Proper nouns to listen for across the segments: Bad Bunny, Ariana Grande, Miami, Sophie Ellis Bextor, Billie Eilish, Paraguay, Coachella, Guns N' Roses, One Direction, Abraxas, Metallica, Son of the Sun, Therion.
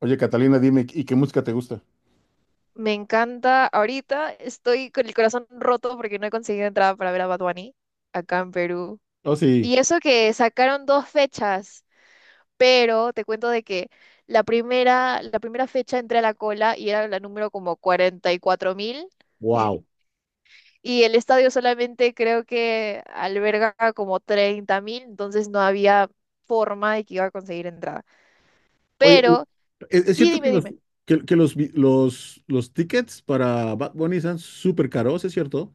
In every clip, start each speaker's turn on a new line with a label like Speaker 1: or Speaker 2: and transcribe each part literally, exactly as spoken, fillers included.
Speaker 1: Oye, Catalina, dime, ¿y qué música te gusta?
Speaker 2: Me encanta. Ahorita estoy con el corazón roto porque no he conseguido entrada para ver a Bad Bunny acá en Perú.
Speaker 1: Oh, sí.
Speaker 2: Y eso que sacaron dos fechas, pero te cuento de que la primera, la primera fecha entré a la cola y era la número como 44 mil.
Speaker 1: Wow.
Speaker 2: Y el estadio solamente creo que alberga como 30 mil, entonces no había forma de que iba a conseguir entrada.
Speaker 1: Oye,
Speaker 2: Pero,
Speaker 1: ¿es, es
Speaker 2: sí,
Speaker 1: cierto que
Speaker 2: dime,
Speaker 1: los
Speaker 2: dime.
Speaker 1: que, que los, vi- los los tickets para Bad Bunny están súper caros, ¿es cierto?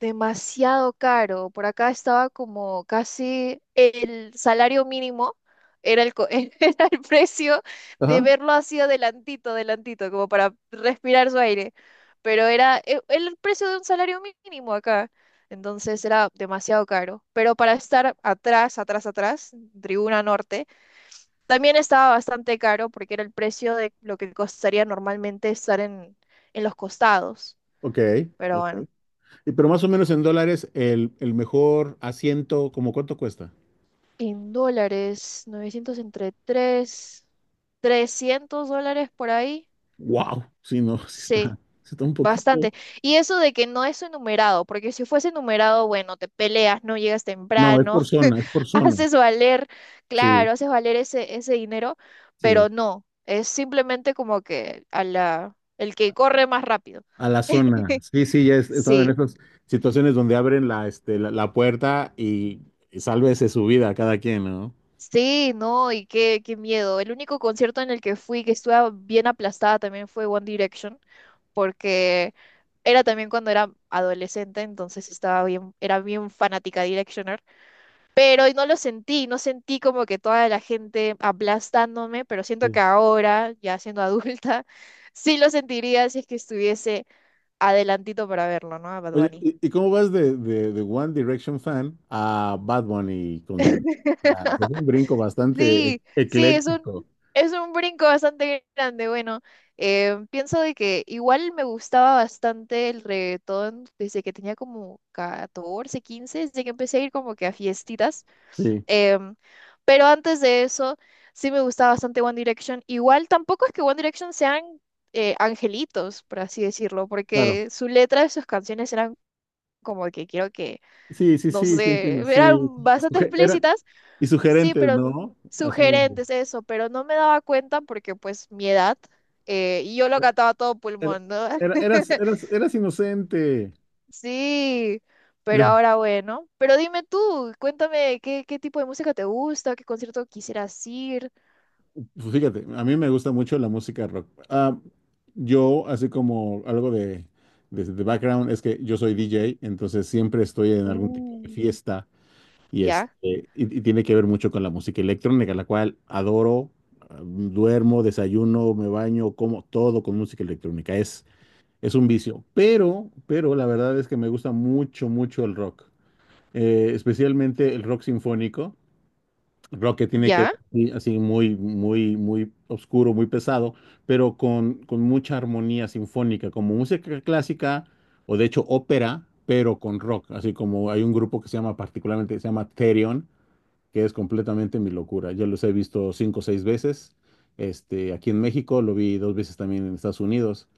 Speaker 2: Demasiado caro. Por acá estaba como casi el salario mínimo, era el, co- era el precio de
Speaker 1: Ajá.
Speaker 2: verlo así adelantito, adelantito, como para respirar su aire. Pero era e- el precio de un salario mínimo acá. Entonces era demasiado caro. Pero para estar atrás, atrás, atrás, Tribuna Norte, también estaba bastante caro porque era el precio de lo que costaría normalmente estar en, en los costados.
Speaker 1: Ok,
Speaker 2: Pero
Speaker 1: ok.
Speaker 2: bueno.
Speaker 1: Y pero más o menos en dólares el, el mejor asiento, ¿cómo cuánto cuesta?
Speaker 2: En dólares, 900 entre tres trescientos dólares por ahí.
Speaker 1: Wow. Sí, no, sí está.
Speaker 2: Sí,
Speaker 1: Sí está un poquito.
Speaker 2: bastante. Y eso de que no es enumerado, porque si fuese enumerado, bueno, te peleas, no llegas
Speaker 1: No, es
Speaker 2: temprano,
Speaker 1: por zona, es por zona.
Speaker 2: haces valer,
Speaker 1: Sí,
Speaker 2: claro, haces valer ese, ese dinero,
Speaker 1: sí.
Speaker 2: pero no, es simplemente como que a la, el que corre más rápido.
Speaker 1: A la zona. Sí, sí, ya he estado en
Speaker 2: Sí.
Speaker 1: esas situaciones donde abren la, este, la, la puerta y, y sálvese su vida a cada quien, ¿no?
Speaker 2: Sí, no, y qué, qué miedo. El único concierto en el que fui que estuve bien aplastada también fue One Direction porque era también cuando era adolescente, entonces estaba bien, era bien fanática de Directioner, pero no lo sentí, no sentí como que toda la gente aplastándome, pero siento que
Speaker 1: Sí.
Speaker 2: ahora, ya siendo adulta, sí lo sentiría si es que estuviese adelantito para verlo, ¿no? A Bad
Speaker 1: Oye,
Speaker 2: Bunny.
Speaker 1: ¿y, y cómo vas de, de, de One Direction fan a Bad Bunny concierto? O es un brinco bastante e-
Speaker 2: Sí, sí, es un,
Speaker 1: ecléctico.
Speaker 2: es un brinco bastante grande. Bueno, eh, pienso de que igual me gustaba bastante el reggaetón desde que tenía como catorce, quince, desde que empecé a ir como que a fiestitas.
Speaker 1: Sí,
Speaker 2: Em, pero antes de eso, sí me gustaba bastante One Direction. Igual tampoco es que One Direction sean eh, angelitos, por así decirlo,
Speaker 1: claro.
Speaker 2: porque su letra de sus canciones eran como que quiero que,
Speaker 1: Sí, sí,
Speaker 2: no
Speaker 1: sí, sí
Speaker 2: sé,
Speaker 1: entiendo. Sí,
Speaker 2: eran bastante
Speaker 1: Suge- eran
Speaker 2: explícitas.
Speaker 1: y
Speaker 2: Sí,
Speaker 1: sugerentes,
Speaker 2: pero
Speaker 1: ¿no? Así.
Speaker 2: sugerentes eso, pero no me daba cuenta porque pues mi edad, eh, y yo lo cantaba a todo
Speaker 1: Era-
Speaker 2: pulmón, ¿no?
Speaker 1: era- eras, eras, eras inocente.
Speaker 2: Sí, pero ahora bueno. Pero dime tú, cuéntame qué, qué tipo de música te gusta, qué concierto quisieras ir.
Speaker 1: Fíjate, a mí me gusta mucho la música rock. Ah, yo, así como algo de, de, de background, es que yo soy D J, entonces siempre estoy en algún tipo de
Speaker 2: Uh,
Speaker 1: fiesta y,
Speaker 2: ¿ya?
Speaker 1: este, y, y tiene que ver mucho con la música electrónica, la cual adoro, ah, duermo, desayuno, me baño, como todo con música electrónica. Es, es un vicio, pero, pero la verdad es que me gusta mucho, mucho el rock. Eh, especialmente el rock sinfónico. Rock que tiene que
Speaker 2: ¿Ya?
Speaker 1: ver sí, así muy, muy, muy oscuro, muy pesado, pero con, con mucha armonía sinfónica, como música clásica o de hecho ópera, pero con rock. Así como hay un grupo que se llama particularmente, se llama Therion, que es completamente mi locura. Yo los he visto cinco o seis veces, este, aquí en México, lo vi dos veces también en Estados Unidos,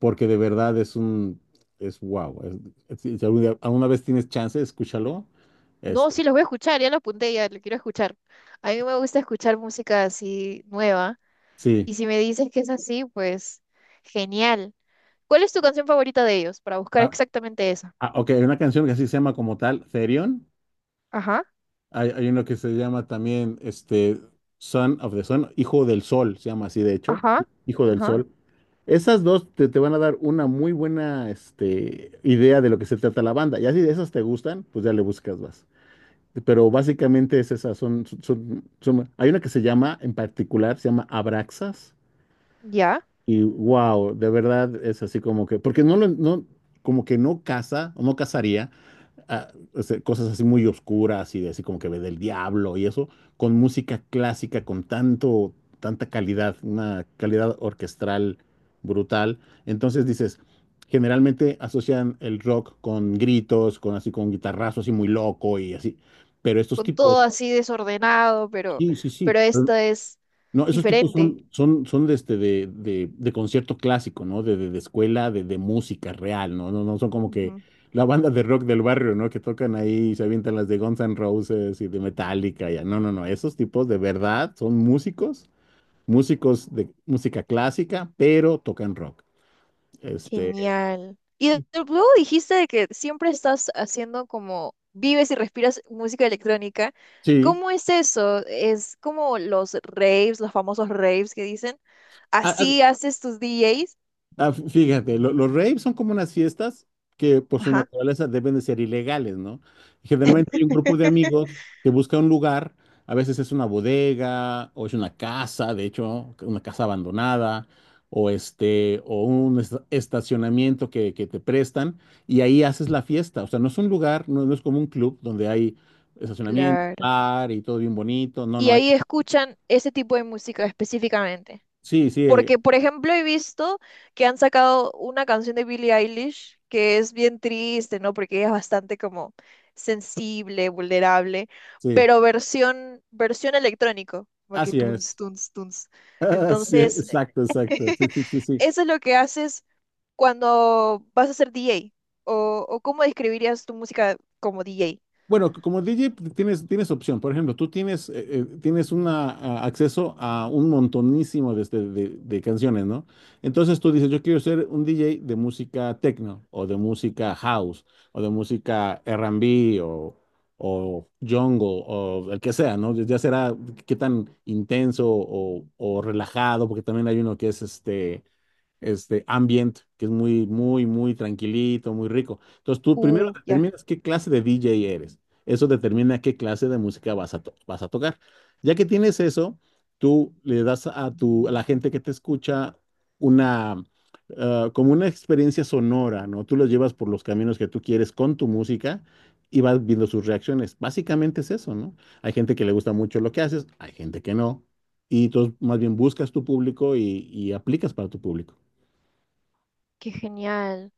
Speaker 1: porque de verdad es un, es wow. es- si si algún día- alguna vez tienes chance, escúchalo.
Speaker 2: No,
Speaker 1: Este,
Speaker 2: sí, los voy a escuchar, ya lo apunté, ya lo quiero escuchar. A mí me gusta escuchar música así nueva,
Speaker 1: sí.
Speaker 2: y si me dices que es así, pues genial. ¿Cuál es tu canción favorita de ellos para buscar
Speaker 1: Ah,
Speaker 2: exactamente esa?
Speaker 1: ah, ok, hay una canción que así se llama como tal, Therion.
Speaker 2: Ajá.
Speaker 1: Hay, hay uno que se llama también este, Son of the Sun, Hijo del Sol, se llama así de hecho,
Speaker 2: Ajá,
Speaker 1: Hijo del
Speaker 2: ajá,
Speaker 1: Sol. Esas dos te, te van a dar una muy buena este, idea de lo que se trata la banda. Y así de esas te gustan, pues ya le buscas más. Pero básicamente es esas, son, son, son- son- hay una que se llama, en particular, se llama Abraxas.
Speaker 2: ya.
Speaker 1: Y wow, de verdad es así como que, porque no lo, no, como que no casa o no casaría ah, o cosas así muy oscuras y de así como que ve del diablo y eso, con música clásica, con tanto, tanta calidad, una calidad orquestral brutal. Entonces dices, generalmente asocian el rock con gritos, con así, con guitarrazos así muy loco y así. Pero estos
Speaker 2: Con todo
Speaker 1: tipos,
Speaker 2: así desordenado, pero,
Speaker 1: sí, sí, sí.
Speaker 2: pero esto es
Speaker 1: No, esos tipos
Speaker 2: diferente.
Speaker 1: son, son, son de este de, de, de concierto clásico, ¿no? De, de, de escuela, de, de música real, ¿no? No, no son como que
Speaker 2: Ujú.
Speaker 1: la banda de rock del barrio, ¿no? Que tocan ahí y se avientan las de Guns N' Roses y de Metallica, ya. No, no, no. Esos tipos de verdad son músicos, músicos de música clásica, pero tocan rock. Este,
Speaker 2: Genial. Y de- de- luego dijiste de que siempre estás haciendo como vives y respiras música electrónica.
Speaker 1: sí.
Speaker 2: ¿Cómo es eso? ¿Es como los raves, los famosos raves que dicen?
Speaker 1: Ah, ah,
Speaker 2: ¿Así haces tus D Js?
Speaker 1: ah, f- fíjate, lo- los raves son como unas fiestas que por su
Speaker 2: Ajá.
Speaker 1: naturaleza deben de ser ilegales, ¿no? Generalmente hay un grupo de amigos que busca un lugar, a veces es una bodega o es una casa, de hecho, una casa abandonada, o este, o un est- estacionamiento que, que te prestan y ahí haces la fiesta. O sea, no es un lugar, no, no es como un club donde hay estacionamiento,
Speaker 2: Claro.
Speaker 1: bar y todo bien bonito. No,
Speaker 2: Y
Speaker 1: no hay.
Speaker 2: ahí escuchan ese tipo de música específicamente.
Speaker 1: Sí, sí, eh,
Speaker 2: Porque, por ejemplo, he visto que han sacado una canción de Billie Eilish que es bien triste, ¿no? Porque ella es bastante como sensible, vulnerable,
Speaker 1: sí,
Speaker 2: pero versión, versión electrónico, como que
Speaker 1: así
Speaker 2: tunes,
Speaker 1: es.
Speaker 2: tunes, tunes.
Speaker 1: Sí,
Speaker 2: Entonces,
Speaker 1: exacto, exacto. Sí, sí, sí, sí.
Speaker 2: eso es lo que haces cuando vas a ser D J. ¿O, o cómo describirías tu música como D J?
Speaker 1: Bueno, c- como D J pues, tienes, tienes opción. Por ejemplo, tú tienes, eh, eh, tienes una, a- acceso a un montonísimo de, este- de- de canciones, ¿no? Entonces tú dices, yo quiero ser un D J de música techno o de música house o de música R and B o, o jungle o el que sea, ¿no? Ya ya será qué tan intenso o, o relajado, porque también hay uno que es este este ambient, que es muy, muy, muy tranquilito, muy rico. Entonces tú primero
Speaker 2: Uh, ya,
Speaker 1: determinas qué clase de D J eres. Eso determina qué clase de música vas a, to- vas a tocar. Ya que tienes eso, tú le das a, tu, a la gente que te escucha una, ah, como una experiencia sonora, ¿no? Tú los llevas por los caminos que tú quieres con tu música y vas viendo sus reacciones. Básicamente es eso, ¿no? Hay gente que le gusta mucho lo que haces, hay gente que no. Y entonces más bien buscas tu público y y aplicas para tu público.
Speaker 2: qué genial.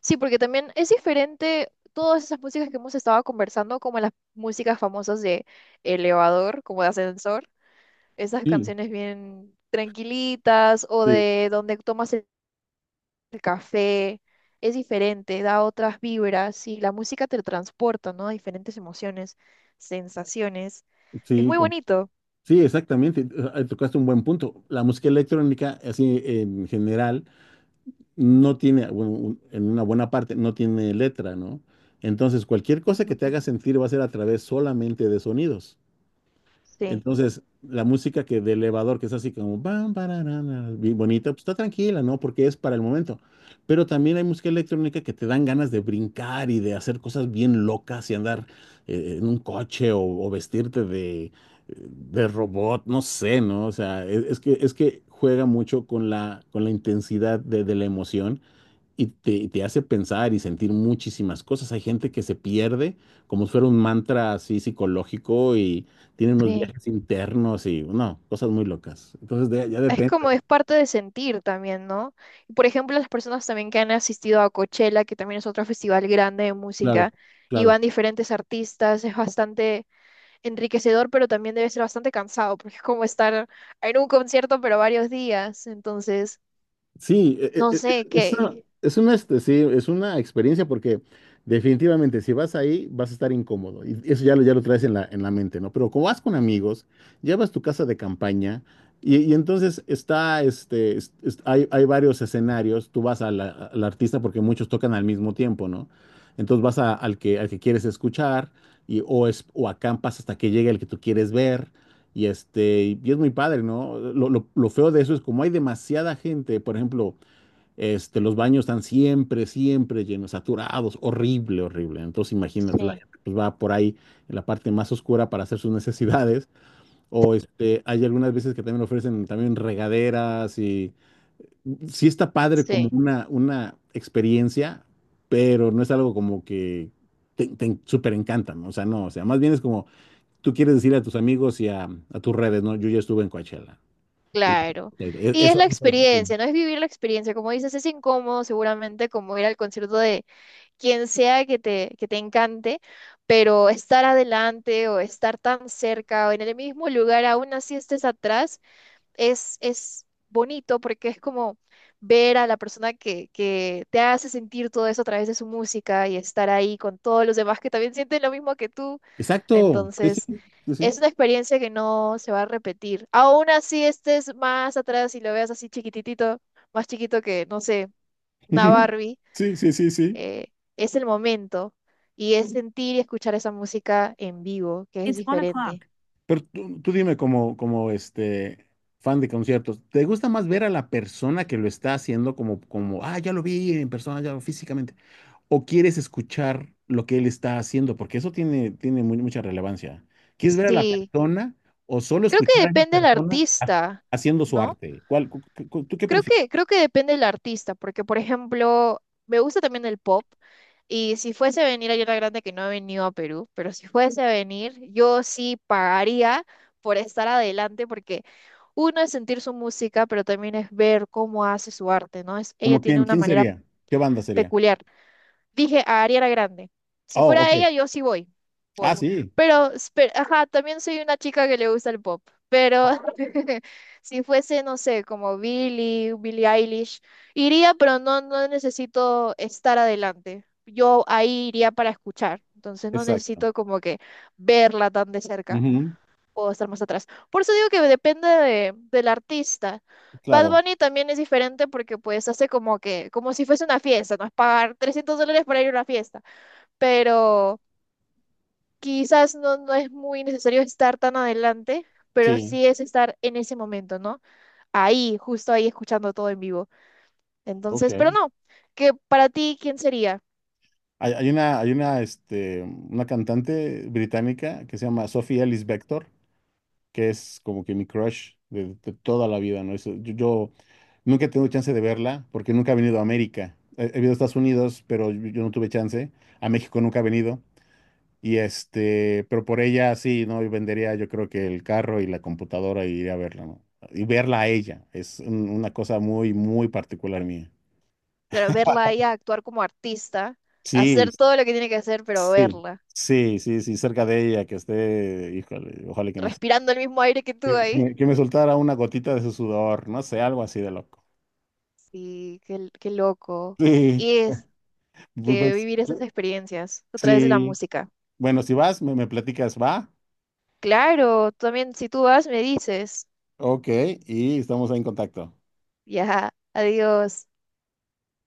Speaker 2: Sí, porque también es diferente todas esas músicas que hemos estado conversando, como las músicas famosas de elevador, como de ascensor, esas
Speaker 1: Sí,
Speaker 2: canciones bien tranquilitas o
Speaker 1: sí,
Speaker 2: de donde tomas el el café, es diferente, da otras vibras y la música te transporta, ¿no? A diferentes emociones, sensaciones. Es
Speaker 1: sí,
Speaker 2: muy
Speaker 1: com-
Speaker 2: bonito.
Speaker 1: sí, exactamente. Eh, tocaste un buen punto. La música electrónica, así en general, no tiene, bueno, un- en una buena parte, no tiene letra, ¿no? Entonces, cualquier cosa que
Speaker 2: Ujú.
Speaker 1: te haga sentir va a ser a través solamente de sonidos.
Speaker 2: Sí,
Speaker 1: Entonces, la música que de elevador, que es así como bam, bararana, bien bonita, pues está tranquila, ¿no? Porque es para el momento. Pero también hay música electrónica que te dan ganas de brincar y de hacer cosas bien locas y andar eh, en un coche o, o vestirte de, de robot, no sé, ¿no? O sea, es, es que, es que juega mucho con la, con la intensidad de, de la emoción y te, te hace pensar y sentir muchísimas cosas. Hay gente que se pierde como si fuera un mantra así psicológico y tiene unos
Speaker 2: sí.
Speaker 1: viajes internos y, no, cosas muy locas. Entonces, de- ya
Speaker 2: Es
Speaker 1: depende,
Speaker 2: como es parte de sentir también, ¿no? Y, por ejemplo, las personas también que han asistido a Coachella, que también es otro festival grande de
Speaker 1: claro,
Speaker 2: música, y
Speaker 1: claro.
Speaker 2: van diferentes artistas, es bastante enriquecedor, pero también debe ser bastante cansado, porque es como estar en un concierto, pero varios días. Entonces,
Speaker 1: Sí, e-
Speaker 2: no
Speaker 1: e- e-
Speaker 2: sé qué.
Speaker 1: eso es una, este, sí, es una experiencia porque definitivamente si vas ahí vas a estar incómodo y eso ya lo, ya lo traes en la, en la mente, ¿no? Pero como vas con amigos, llevas tu casa de campaña y, y entonces está, este, es- es- hay, hay varios escenarios, tú vas a la- al artista porque muchos tocan al mismo tiempo, ¿no? Entonces vas a- al que, al que quieres escuchar y, o, es, o acampas hasta que llegue el que tú quieres ver. Y este, y es muy padre, ¿no? Lo, lo- lo feo de eso es como hay demasiada gente, por ejemplo, este, los baños están siempre, siempre llenos, saturados, horrible, horrible. Entonces, imagínate, la
Speaker 2: Sí,
Speaker 1: gente pues, va por ahí en la parte más oscura para hacer sus necesidades. O este, hay algunas veces que también ofrecen también regaderas y sí está padre como
Speaker 2: sí,
Speaker 1: una, una experiencia, pero no es algo como que te, te súper encanta, ¿no? O sea, no, o sea, más bien es como tú quieres decir a tus amigos y a, a tus redes, ¿no? Yo ya estuve en Coachella. Y-
Speaker 2: claro. Y es la
Speaker 1: eso, eso.
Speaker 2: experiencia, ¿no? Es vivir la experiencia. Como dices, es incómodo seguramente como ir al concierto de quien sea que te, que te encante, pero estar adelante o estar tan cerca o en el mismo lugar, aún así estés atrás, es, es bonito porque es como ver a la persona que, que te hace sentir todo eso a través de su música y estar ahí con todos los demás que también sienten lo mismo que tú.
Speaker 1: Exacto. Sí, sí,
Speaker 2: Entonces,
Speaker 1: sí, sí.
Speaker 2: es una experiencia que no se va a repetir. Aún así estés más atrás y lo veas así chiquititito, más chiquito que, no sé, una Barbie
Speaker 1: Sí, sí, sí, sí.
Speaker 2: eh, es el momento y es sentir y escuchar esa música en vivo, que es diferente.
Speaker 1: Pero tú, tú dime como, como este fan de conciertos, ¿te gusta más ver a la persona que lo está haciendo como, como, ah, ya lo vi en persona, ya lo- físicamente? ¿O quieres escuchar lo que él está haciendo? Porque eso tiene, tiene mu- mucha relevancia. ¿Quieres ver a la
Speaker 2: Sí,
Speaker 1: persona o solo
Speaker 2: creo que
Speaker 1: escuchar a esa
Speaker 2: depende del
Speaker 1: persona ha-
Speaker 2: artista,
Speaker 1: haciendo su
Speaker 2: ¿no?
Speaker 1: arte? ¿Cuál, cu- cu- cu- ¿tú qué
Speaker 2: Creo
Speaker 1: prefieres?
Speaker 2: que, creo que depende del artista, porque por ejemplo, me gusta también el pop y si fuese a venir a la Grande, que no ha venido a Perú, pero si fuese a venir, yo sí pagaría por estar adelante porque... Uno es sentir su música, pero también es ver cómo hace su arte, ¿no? Es, ella
Speaker 1: ¿Como
Speaker 2: tiene
Speaker 1: quién?
Speaker 2: una
Speaker 1: ¿Quién
Speaker 2: manera
Speaker 1: sería? ¿Qué banda sería?
Speaker 2: peculiar. Dije a Ariana Grande. Si
Speaker 1: Oh,
Speaker 2: fuera
Speaker 1: ok.
Speaker 2: ella, yo sí voy.
Speaker 1: Ah,
Speaker 2: Voy.
Speaker 1: sí,
Speaker 2: Pero, espe- ajá, también soy una chica que le gusta el pop. Pero si fuese, no sé, como Billie, Billie Eilish, iría, pero no, no necesito estar adelante. Yo ahí iría para escuchar. Entonces no
Speaker 1: exacto.
Speaker 2: necesito como que verla tan de cerca
Speaker 1: Ujú,
Speaker 2: o estar más atrás. Por eso digo que depende de- del artista. Bad
Speaker 1: claro,
Speaker 2: Bunny también es diferente porque pues hace como que, como si fuese una fiesta, no es pagar trescientos dólares para ir a una fiesta, pero quizás no, no es muy necesario estar tan adelante, pero
Speaker 1: sí,
Speaker 2: sí es estar en ese momento, ¿no? Ahí, justo ahí, escuchando todo en vivo.
Speaker 1: ok.
Speaker 2: Entonces, pero
Speaker 1: Hay,
Speaker 2: no, que para ti, ¿quién sería?
Speaker 1: hay una, hay una, este, una cantante británica que se llama Sophie Ellis Bextor, que es como que mi crush de, de toda la vida, ¿no? Es- yo, yo nunca he tenido chance de verla porque nunca ha venido a América. He, he venido a Estados Unidos, pero yo, yo no tuve chance. A México nunca ha venido. Y este, pero por ella sí, ¿no? Yo vendería yo creo que el carro y la computadora y iría a verla, ¿no? Y verla a ella. Es un- una cosa muy, muy particular mía.
Speaker 2: Pero verla a ella actuar como artista,
Speaker 1: Sí,
Speaker 2: hacer todo lo que tiene que hacer, pero
Speaker 1: sí,
Speaker 2: verla,
Speaker 1: sí, sí, sí, cerca de ella, que esté, híjole, ojalá que me,
Speaker 2: respirando el mismo aire que tú
Speaker 1: que que
Speaker 2: ahí.
Speaker 1: me, que me soltara una gotita de su sudor, no sé, algo así de loco.
Speaker 2: Sí, qué, qué loco.
Speaker 1: Sí,
Speaker 2: Y es
Speaker 1: pues,
Speaker 2: que
Speaker 1: pues,
Speaker 2: vivir esas
Speaker 1: yo-
Speaker 2: experiencias a través de la
Speaker 1: sí.
Speaker 2: música.
Speaker 1: Bueno, si vas, me, me platicas, va.
Speaker 2: Claro, tú también, si tú vas, me dices.
Speaker 1: Ok, y estamos ahí en contacto.
Speaker 2: Ya, adiós.